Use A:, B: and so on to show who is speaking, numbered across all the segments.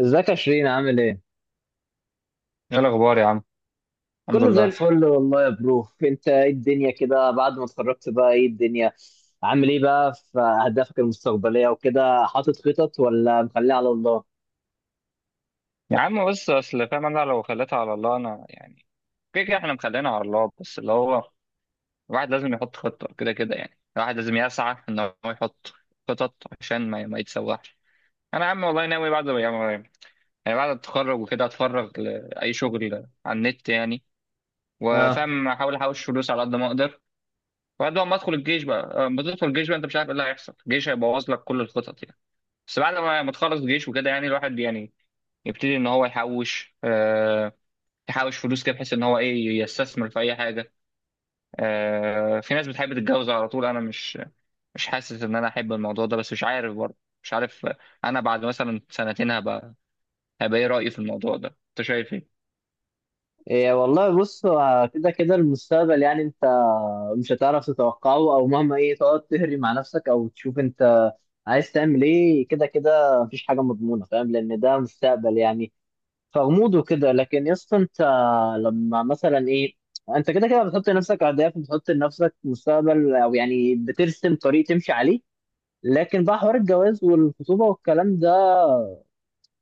A: ازيك يا شيرين؟ عامل ايه؟
B: ايه الاخبار يا عم؟ الحمد
A: كله زي
B: لله.
A: الفل والله يا برو. انت ايه الدنيا كده بعد ما اتخرجت؟ بقى ايه الدنيا؟ عامل ايه بقى في اهدافك المستقبلية وكده؟ حاطط خطط ولا مخليها على الله؟
B: يا عم بس اصل فاهم، انا لو خليتها على الله انا يعني كده كده احنا مخلينا على الله، بس اللي هو الواحد لازم يحط خطه كده كده، يعني الواحد لازم يسعى ان هو يحط خطط عشان ما يتسوحش. انا يا عم والله ناوي بعد، يعني بعد التخرج وكده اتفرغ لاي شغل على النت يعني،
A: اه.
B: وفاهم احاول احوش فلوس على قد ما اقدر. وبعد ما ادخل الجيش بقى، ما تدخل الجيش بقى انت مش عارف ايه اللي هيحصل، الجيش هيبوظ لك كل الخطط يعني. بس بعد ما تخلص الجيش وكده يعني الواحد يعني يبتدي ان هو يحوش فلوس كده، بحيث ان هو ايه يستثمر في اي حاجه. في ناس بتحب تتجوز على طول، انا مش حاسس ان انا احب الموضوع ده، بس مش عارف برضه مش عارف. انا بعد مثلا 2 سنين هبقى ايه رايي في الموضوع ده، انت شايف ايه؟
A: إيه والله، بص، هو كده كده المستقبل يعني انت مش هتعرف تتوقعه، او مهما ايه تقعد تهري مع نفسك او تشوف انت عايز تعمل ايه، كده كده مفيش حاجة مضمونة، فاهم، لان ده مستقبل يعني فغموض وكده. لكن يا اسطى انت لما مثلا ايه، انت كده كده بتحط لنفسك اهداف وبتحط لنفسك مستقبل، او يعني بترسم طريق تمشي عليه. لكن بقى حوار الجواز والخطوبه والكلام ده،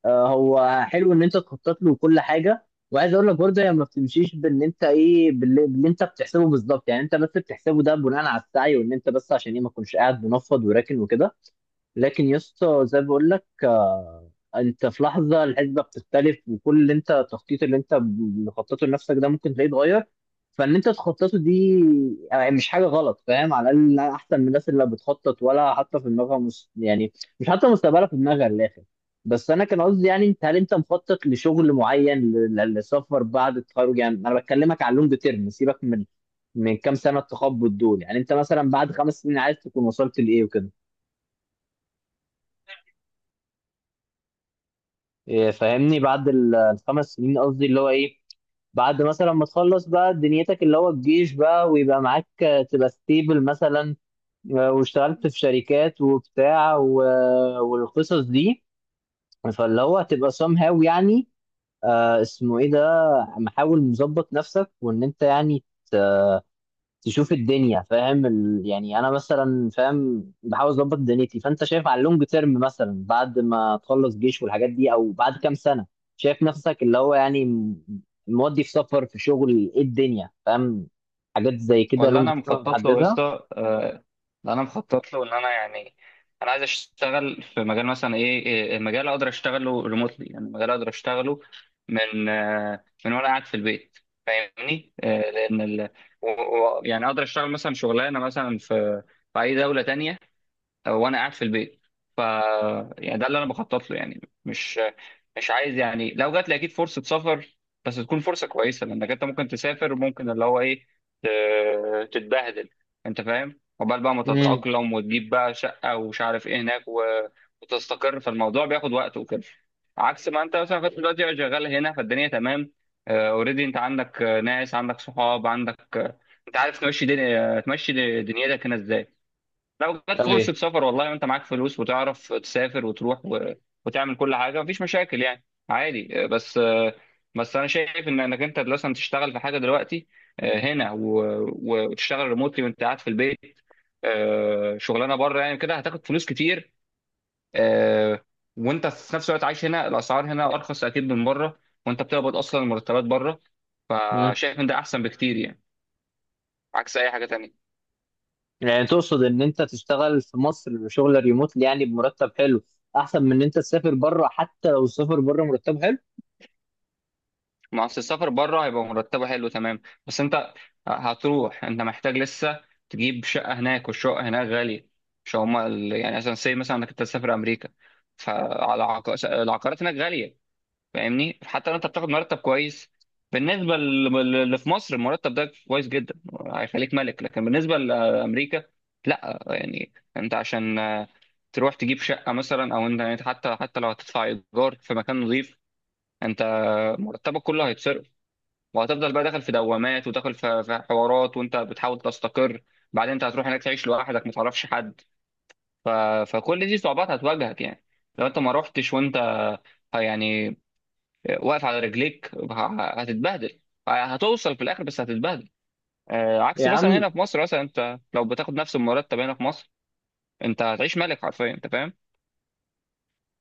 A: هو حلو ان انت تخطط له وكل حاجه، وعايز اقول لك برضه هي ما بتمشيش بان انت ايه باللي انت بتحسبه بالظبط، يعني انت بس بتحسبه ده بناء على السعي، وان انت بس عشان ايه ما تكونش قاعد منفض وراكن وكده. لكن يا اسطى، زي ما بقول لك، انت في لحظه الحسبه بتختلف، وكل اللي انت التخطيط اللي انت مخططه لنفسك ده ممكن تلاقيه اتغير. فان انت تخططه دي يعني مش حاجه غلط، فاهم، على الاقل احسن من الناس اللي بتخطط ولا حاطه في دماغها يعني مش حاطه مستقبلها في دماغها للاخر. بس انا كان قصدي يعني، انت هل انت مخطط لشغل معين لسفر بعد التخرج؟ يعني انا بكلمك على اللونج تيرم، سيبك من كام سنه التخبط دول. يعني انت مثلا بعد خمس سنين عايز تكون وصلت لايه وكده؟ إيه، فاهمني؟ بعد الخمس سنين، قصدي اللي هو ايه، بعد مثلا ما تخلص بقى دنيتك اللي هو الجيش بقى، ويبقى معاك تبقى ستيبل مثلا، واشتغلت في شركات وبتاع و والقصص دي، فاللي هو هتبقى somehow يعني اسمه ايه ده، محاول مظبط نفسك وان انت يعني تشوف الدنيا، فاهم يعني انا مثلا فاهم بحاول اظبط دنيتي. فانت شايف على اللونج تيرم مثلا بعد ما تخلص جيش والحاجات دي، او بعد كام سنه، شايف نفسك اللي هو يعني مودي في سفر، في شغل، ايه الدنيا، فاهم؟ حاجات زي كده
B: والله
A: لونج
B: انا
A: تيرم
B: مخطط له يا
A: محددها؟
B: اسطى. انا مخطط له ان انا يعني انا عايز اشتغل في مجال مثلا ايه المجال اقدر اشتغله ريموتلي، يعني المجال اقدر اشتغله من وانا قاعد في البيت. فاهمني. لان يعني اقدر اشتغل مثلا شغلانه مثلا في اي دوله تانية وانا قاعد في البيت، ف يعني ده اللي انا بخطط له يعني مش عايز، يعني لو جات لي اكيد فرصه سفر. بس تكون فرصه كويسه، لانك انت ممكن تسافر وممكن اللي هو ايه تتبهدل. انت فاهم، عقبال بقى ما
A: امم
B: تتاقلم وتجيب بقى شقه ومش عارف ايه هناك، وتستقر، فالموضوع بياخد وقت وكده. عكس ما انت مثلا كنت دلوقتي شغال هنا، فالدنيا تمام اوريدي، انت عندك ناس، عندك صحاب، عندك. انت عارف تمشي دنيتك هنا ازاي. لو جت
A: اي.
B: فرصة سفر، والله وانت معاك فلوس وتعرف تسافر وتروح وتعمل كل حاجة، مفيش مشاكل يعني، عادي. بس انا شايف ان انك انت مثلا تشتغل في حاجة دلوقتي هنا وتشتغل ريموتلي وانت قاعد في البيت، شغلانة بره يعني، كده هتاخد فلوس كتير آه، وانت في نفس الوقت عايش هنا، الاسعار هنا ارخص اكيد من بره، وانت بتقبض اصلا المرتبات بره،
A: امم
B: فشايف ان ده احسن بكتير يعني، عكس اي حاجة تانية.
A: يعني تقصد ان انت تشتغل في مصر شغل ريموت، يعني بمرتب حلو، احسن من ان انت تسافر بره، حتى لو السفر بره مرتب حلو؟
B: ما اصل السفر بره هيبقى مرتبه حلو تمام، بس انت هتروح انت محتاج لسه تجيب شقه هناك، والشقه هناك غاليه. مش هما يعني مثلا سي، مثلا انك انت تسافر امريكا، فعلى العقارات هناك غاليه. فاهمني، حتى لو انت بتاخد مرتب كويس، بالنسبه اللي في مصر المرتب ده كويس جدا، هيخليك ملك، لكن بالنسبه لامريكا لا يعني. انت عشان تروح تجيب شقه مثلا، او انت يعني حتى لو هتدفع ايجار في مكان نظيف، انت مرتبك كله هيتصرف، وهتفضل بقى داخل في دوامات، وداخل في حوارات وانت بتحاول تستقر. بعدين انت هتروح هناك تعيش لوحدك ما تعرفش حد، ف... فكل دي صعوبات هتواجهك يعني. لو انت ما رحتش وانت يعني واقف على رجليك هتتبهدل. هتوصل في الاخر بس هتتبهدل. عكس
A: يا
B: مثلا
A: عم،
B: هنا في مصر، مثلا انت لو بتاخد نفس المرتب هنا في مصر انت هتعيش ملك حرفيا، انت فاهم.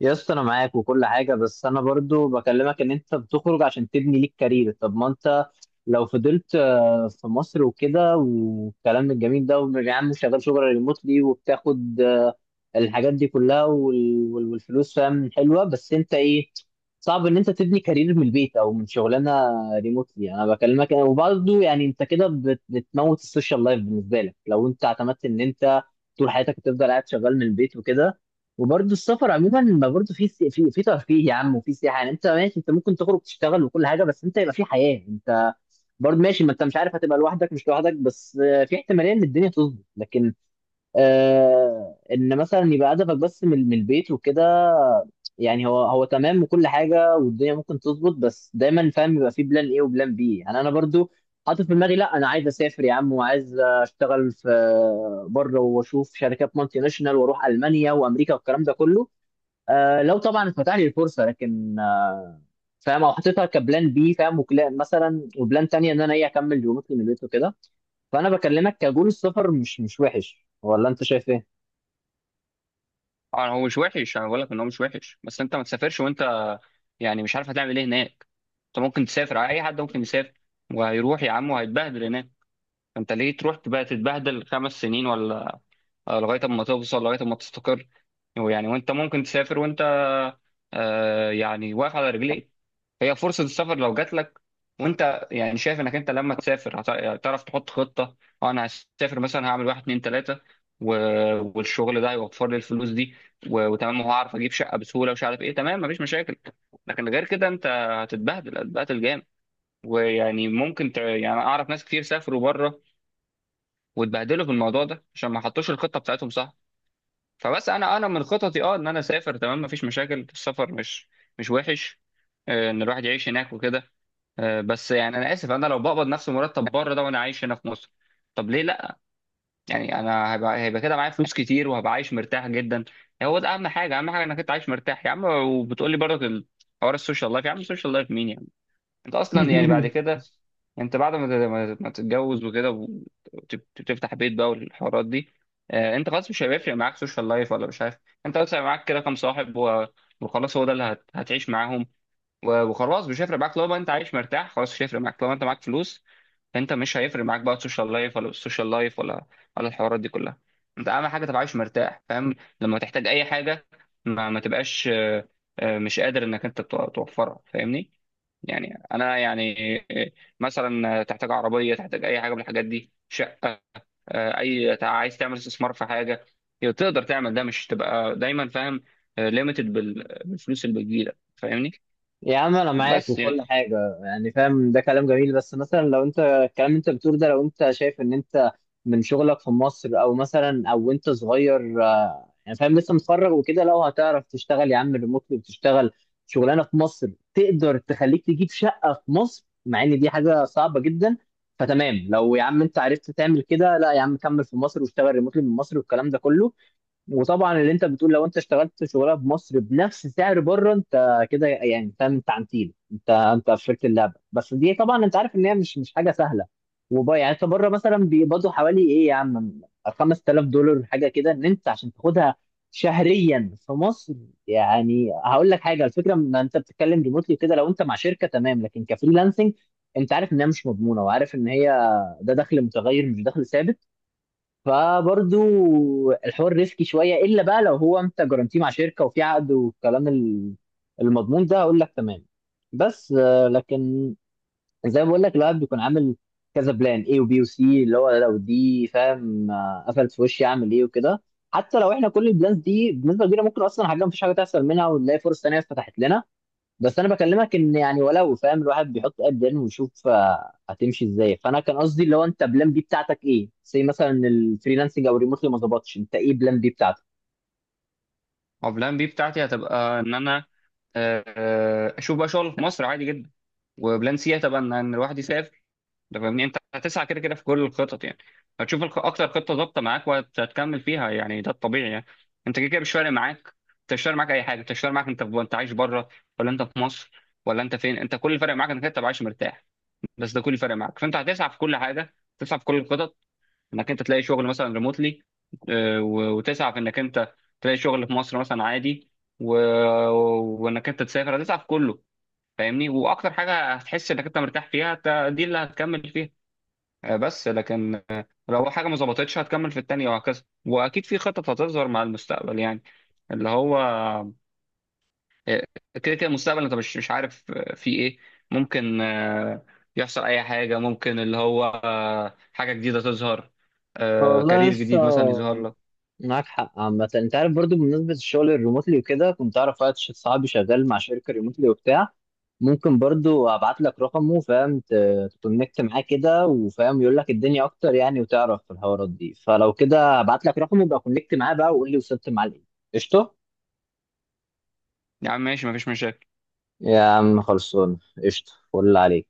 A: يا اسطى انا معاك وكل حاجه، بس انا برضو بكلمك ان انت بتخرج عشان تبني ليك كارير. طب ما انت لو فضلت في مصر وكده، والكلام الجميل ده، ويا عم شغال شغل ريموتلي وبتاخد الحاجات دي كلها والفلوس، فاهم، حلوه، بس انت ايه، صعب ان انت تبني كارير من البيت او من شغلانه ريموتلي. انا بكلمك، وبرضو يعني انت كده بتموت السوشيال لايف بالنسبه لك، لو انت اعتمدت ان انت طول حياتك هتفضل قاعد شغال من البيت وكده. وبرضه السفر عموما، ما برضه في ترفيه يا عم، وفي سياحه يعني. انت ماشي، انت ممكن تخرج تشتغل وكل حاجه، بس انت يبقى في حياه. انت برضه ماشي، ما انت مش عارف هتبقى لوحدك، مش لوحدك بس، في احتماليه ان الدنيا تظبط، لكن آه، ان مثلا يبقى هدفك بس من البيت وكده، يعني هو هو تمام وكل حاجه، والدنيا ممكن تظبط، بس دايما فاهم يبقى في بلان ايه وبلان بي. يعني انا برضه حاطط في دماغي، لا انا عايز اسافر يا عم، وعايز اشتغل في بره، واشوف شركات مالتي ناشونال، واروح المانيا وامريكا والكلام ده كله، آه لو طبعا اتفتح لي الفرصه، لكن فاهم، او حطيتها كبلان بي، فاهم، مثلا وبلان تانية ان انا ايه اكمل ريموتلي من البيت وكده. فانا بكلمك كجول، السفر مش وحش، ولا انت شايف ايه؟
B: اه، هو مش وحش. انا بقول لك ان هو مش وحش، بس انت ما تسافرش وانت يعني مش عارف هتعمل ايه هناك. انت ممكن تسافر، اي حد ممكن يسافر وهيروح يا عم وهيتبهدل هناك. انت ليه تروح تبقى تتبهدل 5 سنين ولا لغايه اما توصل لغايه اما تستقر يعني. وانت ممكن تسافر وانت يعني واقف على رجليك. هي فرصه السفر لو جات لك وانت يعني شايف انك انت لما تسافر هتعرف تحط خطه، اه انا هسافر مثلا، هعمل واحد اتنين تلاته، و... والشغل ده هيوفر لي الفلوس دي، وتمام، وهعرف اجيب شقه بسهوله ومش عارف ايه، تمام مفيش مشاكل. لكن غير كده انت هتتبهدل جامد، ويعني ممكن يعني اعرف ناس كتير سافروا بره واتبهدلوا في الموضوع ده عشان ما حطوش الخطه بتاعتهم صح. فبس انا من خططي ان انا اسافر تمام مفيش مشاكل، السفر مش وحش، ان الواحد يعيش هناك وكده. بس يعني انا اسف، انا لو بقبض نفس المرتب بره ده وانا عايش هنا في مصر، طب ليه لا؟ يعني انا هيبقى كده معايا فلوس كتير، وهبقى عايش مرتاح جدا. هو ده اهم حاجه، اهم حاجه انك انت عايش مرتاح يا عم. وبتقول لي برضه حوار السوشيال لايف، يا عم السوشيال لايف مين يعني؟ انت اصلا يعني بعد كده، انت بعد ما ما تتجوز وكده وتفتح بيت بقى والحوارات دي، انت خلاص مش هيفرق معاك سوشيال لايف ولا مش عارف. انت بس هيبقى معاك كده كام صاحب، وخلاص هو ده اللي هتعيش معاهم، وخلاص مش هيفرق معاك لو انت عايش مرتاح، خلاص مش هيفرق معاك لو انت معاك فلوس. انت مش هيفرق معاك بقى السوشيال لايف، ولا السوشيال لايف، ولا الحوارات دي كلها. انت اهم حاجه تبقى عايش مرتاح، فاهم. لما تحتاج اي حاجه ما تبقاش مش قادر انك انت توفرها، فاهمني. يعني انا يعني، مثلا تحتاج عربيه، تحتاج اي حاجه من الحاجات دي، شقه، عايز تعمل استثمار في حاجه، تقدر تعمل ده، مش تبقى دايما فاهم ليميتد بالفلوس اللي بتجيلك، فاهمني.
A: يا عم انا معاك
B: بس يعني
A: وكل حاجه، يعني فاهم ده كلام جميل، بس مثلا لو انت الكلام اللي انت بتقوله ده، لو انت شايف ان انت من شغلك في مصر، او مثلا او انت صغير، يعني فاهم لسه متخرج وكده، لو هتعرف تشتغل يا عم ريموتلي، وتشتغل شغلانه في مصر، تقدر تخليك تجيب شقه في مصر، مع ان دي حاجه صعبه جدا. فتمام، لو يا عم انت عرفت تعمل كده، لا يا عم كمل في مصر، واشتغل ريموتلي من مصر والكلام ده كله. وطبعا اللي انت بتقول، لو انت اشتغلت شغلها بمصر بنفس سعر بره، انت كده يعني انت انت عنتيل، انت انت قفلت اللعبه، بس دي طبعا انت عارف ان هي مش حاجه سهله. وبقى يعني انت بره مثلا بيقبضوا حوالي ايه يا عم؟ $5000 حاجه كده، ان انت عشان تاخدها شهريا في مصر؟ يعني هقول لك حاجه، الفكره ان انت بتتكلم ريموتلي كده، لو انت مع شركه تمام، لكن كفريلانسنج انت عارف انها مش مضمونه، وعارف ان هي ده دخل متغير مش دخل ثابت. فبرضو الحوار ريسكي شويه، الا بقى لو هو انت جرانتيه مع شركه وفي عقد والكلام المضمون ده، اقول لك تمام. بس آه، لكن زي ما بقول لك، الواحد بيكون عامل كذا بلان، اي وبي وسي، اللي هو لو دي فاهم قفلت في وشي اعمل ايه وكده. حتى لو احنا كل البلانز دي بنسبه كبيره ممكن اصلا حاجه مفيش حاجه تحصل منها، ونلاقي فرص تانيه اتفتحت لنا. بس انا بكلمك ان يعني ولو، فاهم، الواحد بيحط قد ايه ويشوف هتمشي ازاي. فانا كان قصدي اللي هو انت بلان بي بتاعتك ايه؟ زي مثلا الفريلانسنج او الريموتلي ما ظبطش، انت ايه بلان بي بتاعتك؟
B: هو بلان بي بتاعتي هتبقى ان انا اشوف بقى شغل في مصر عادي جدا. وبلان سي هتبقى ان الواحد يسافر. ده فاهمني، انت هتسعى كده كده في كل الخطط يعني، هتشوف اكتر خطه ظابطه معاك وهتكمل فيها يعني، ده الطبيعي يعني. انت كده كده مش فارق معاك. انت مش فارق معاك اي حاجه، انت مش فارق معاك انت عايش بره ولا انت في مصر ولا انت فين، انت كل اللي فارق معاك انك انت تبقى عايش مرتاح. بس ده كل اللي فارق معاك، فانت هتسعى في كل حاجه، تسعى في كل الخطط، انك انت تلاقي شغل مثلا ريموتلي، وتسعى في انك انت تلاقي شغل في مصر مثلا عادي، و... وانك انت تسافر، هتسعى في كله. فاهمني، واكتر حاجه هتحس انك انت مرتاح فيها دي اللي هتكمل فيها. بس لكن لو حاجه ما ظبطتش هتكمل في التانيه وهكذا، واكيد في خطط هتظهر مع المستقبل يعني، اللي هو آه، كده كده المستقبل انت مش عارف في ايه. ممكن يحصل اي حاجه، ممكن اللي هو حاجه جديده تظهر،
A: والله
B: كارير
A: لسه
B: جديد مثلا يظهر لك.
A: معاك حق عامة. انت عارف برضو بمناسبة الشغل الريموتلي وكده، كنت اعرف واحد، صاحبي شغال مع شركة ريموتلي وبتاع، ممكن برضو ابعت لك رقمه، فاهم، تكونكت معاه كده، وفاهم يقول لك الدنيا اكتر يعني، وتعرف في الحوارات دي. فلو كده ابعت لك رقمه، يبقى كونكت معاه بقى وقول لي وصلت معاه لايه. قشطة.
B: يا عم ماشي مفيش مشاكل.
A: يا عم خلصون. قشطة، فل عليك.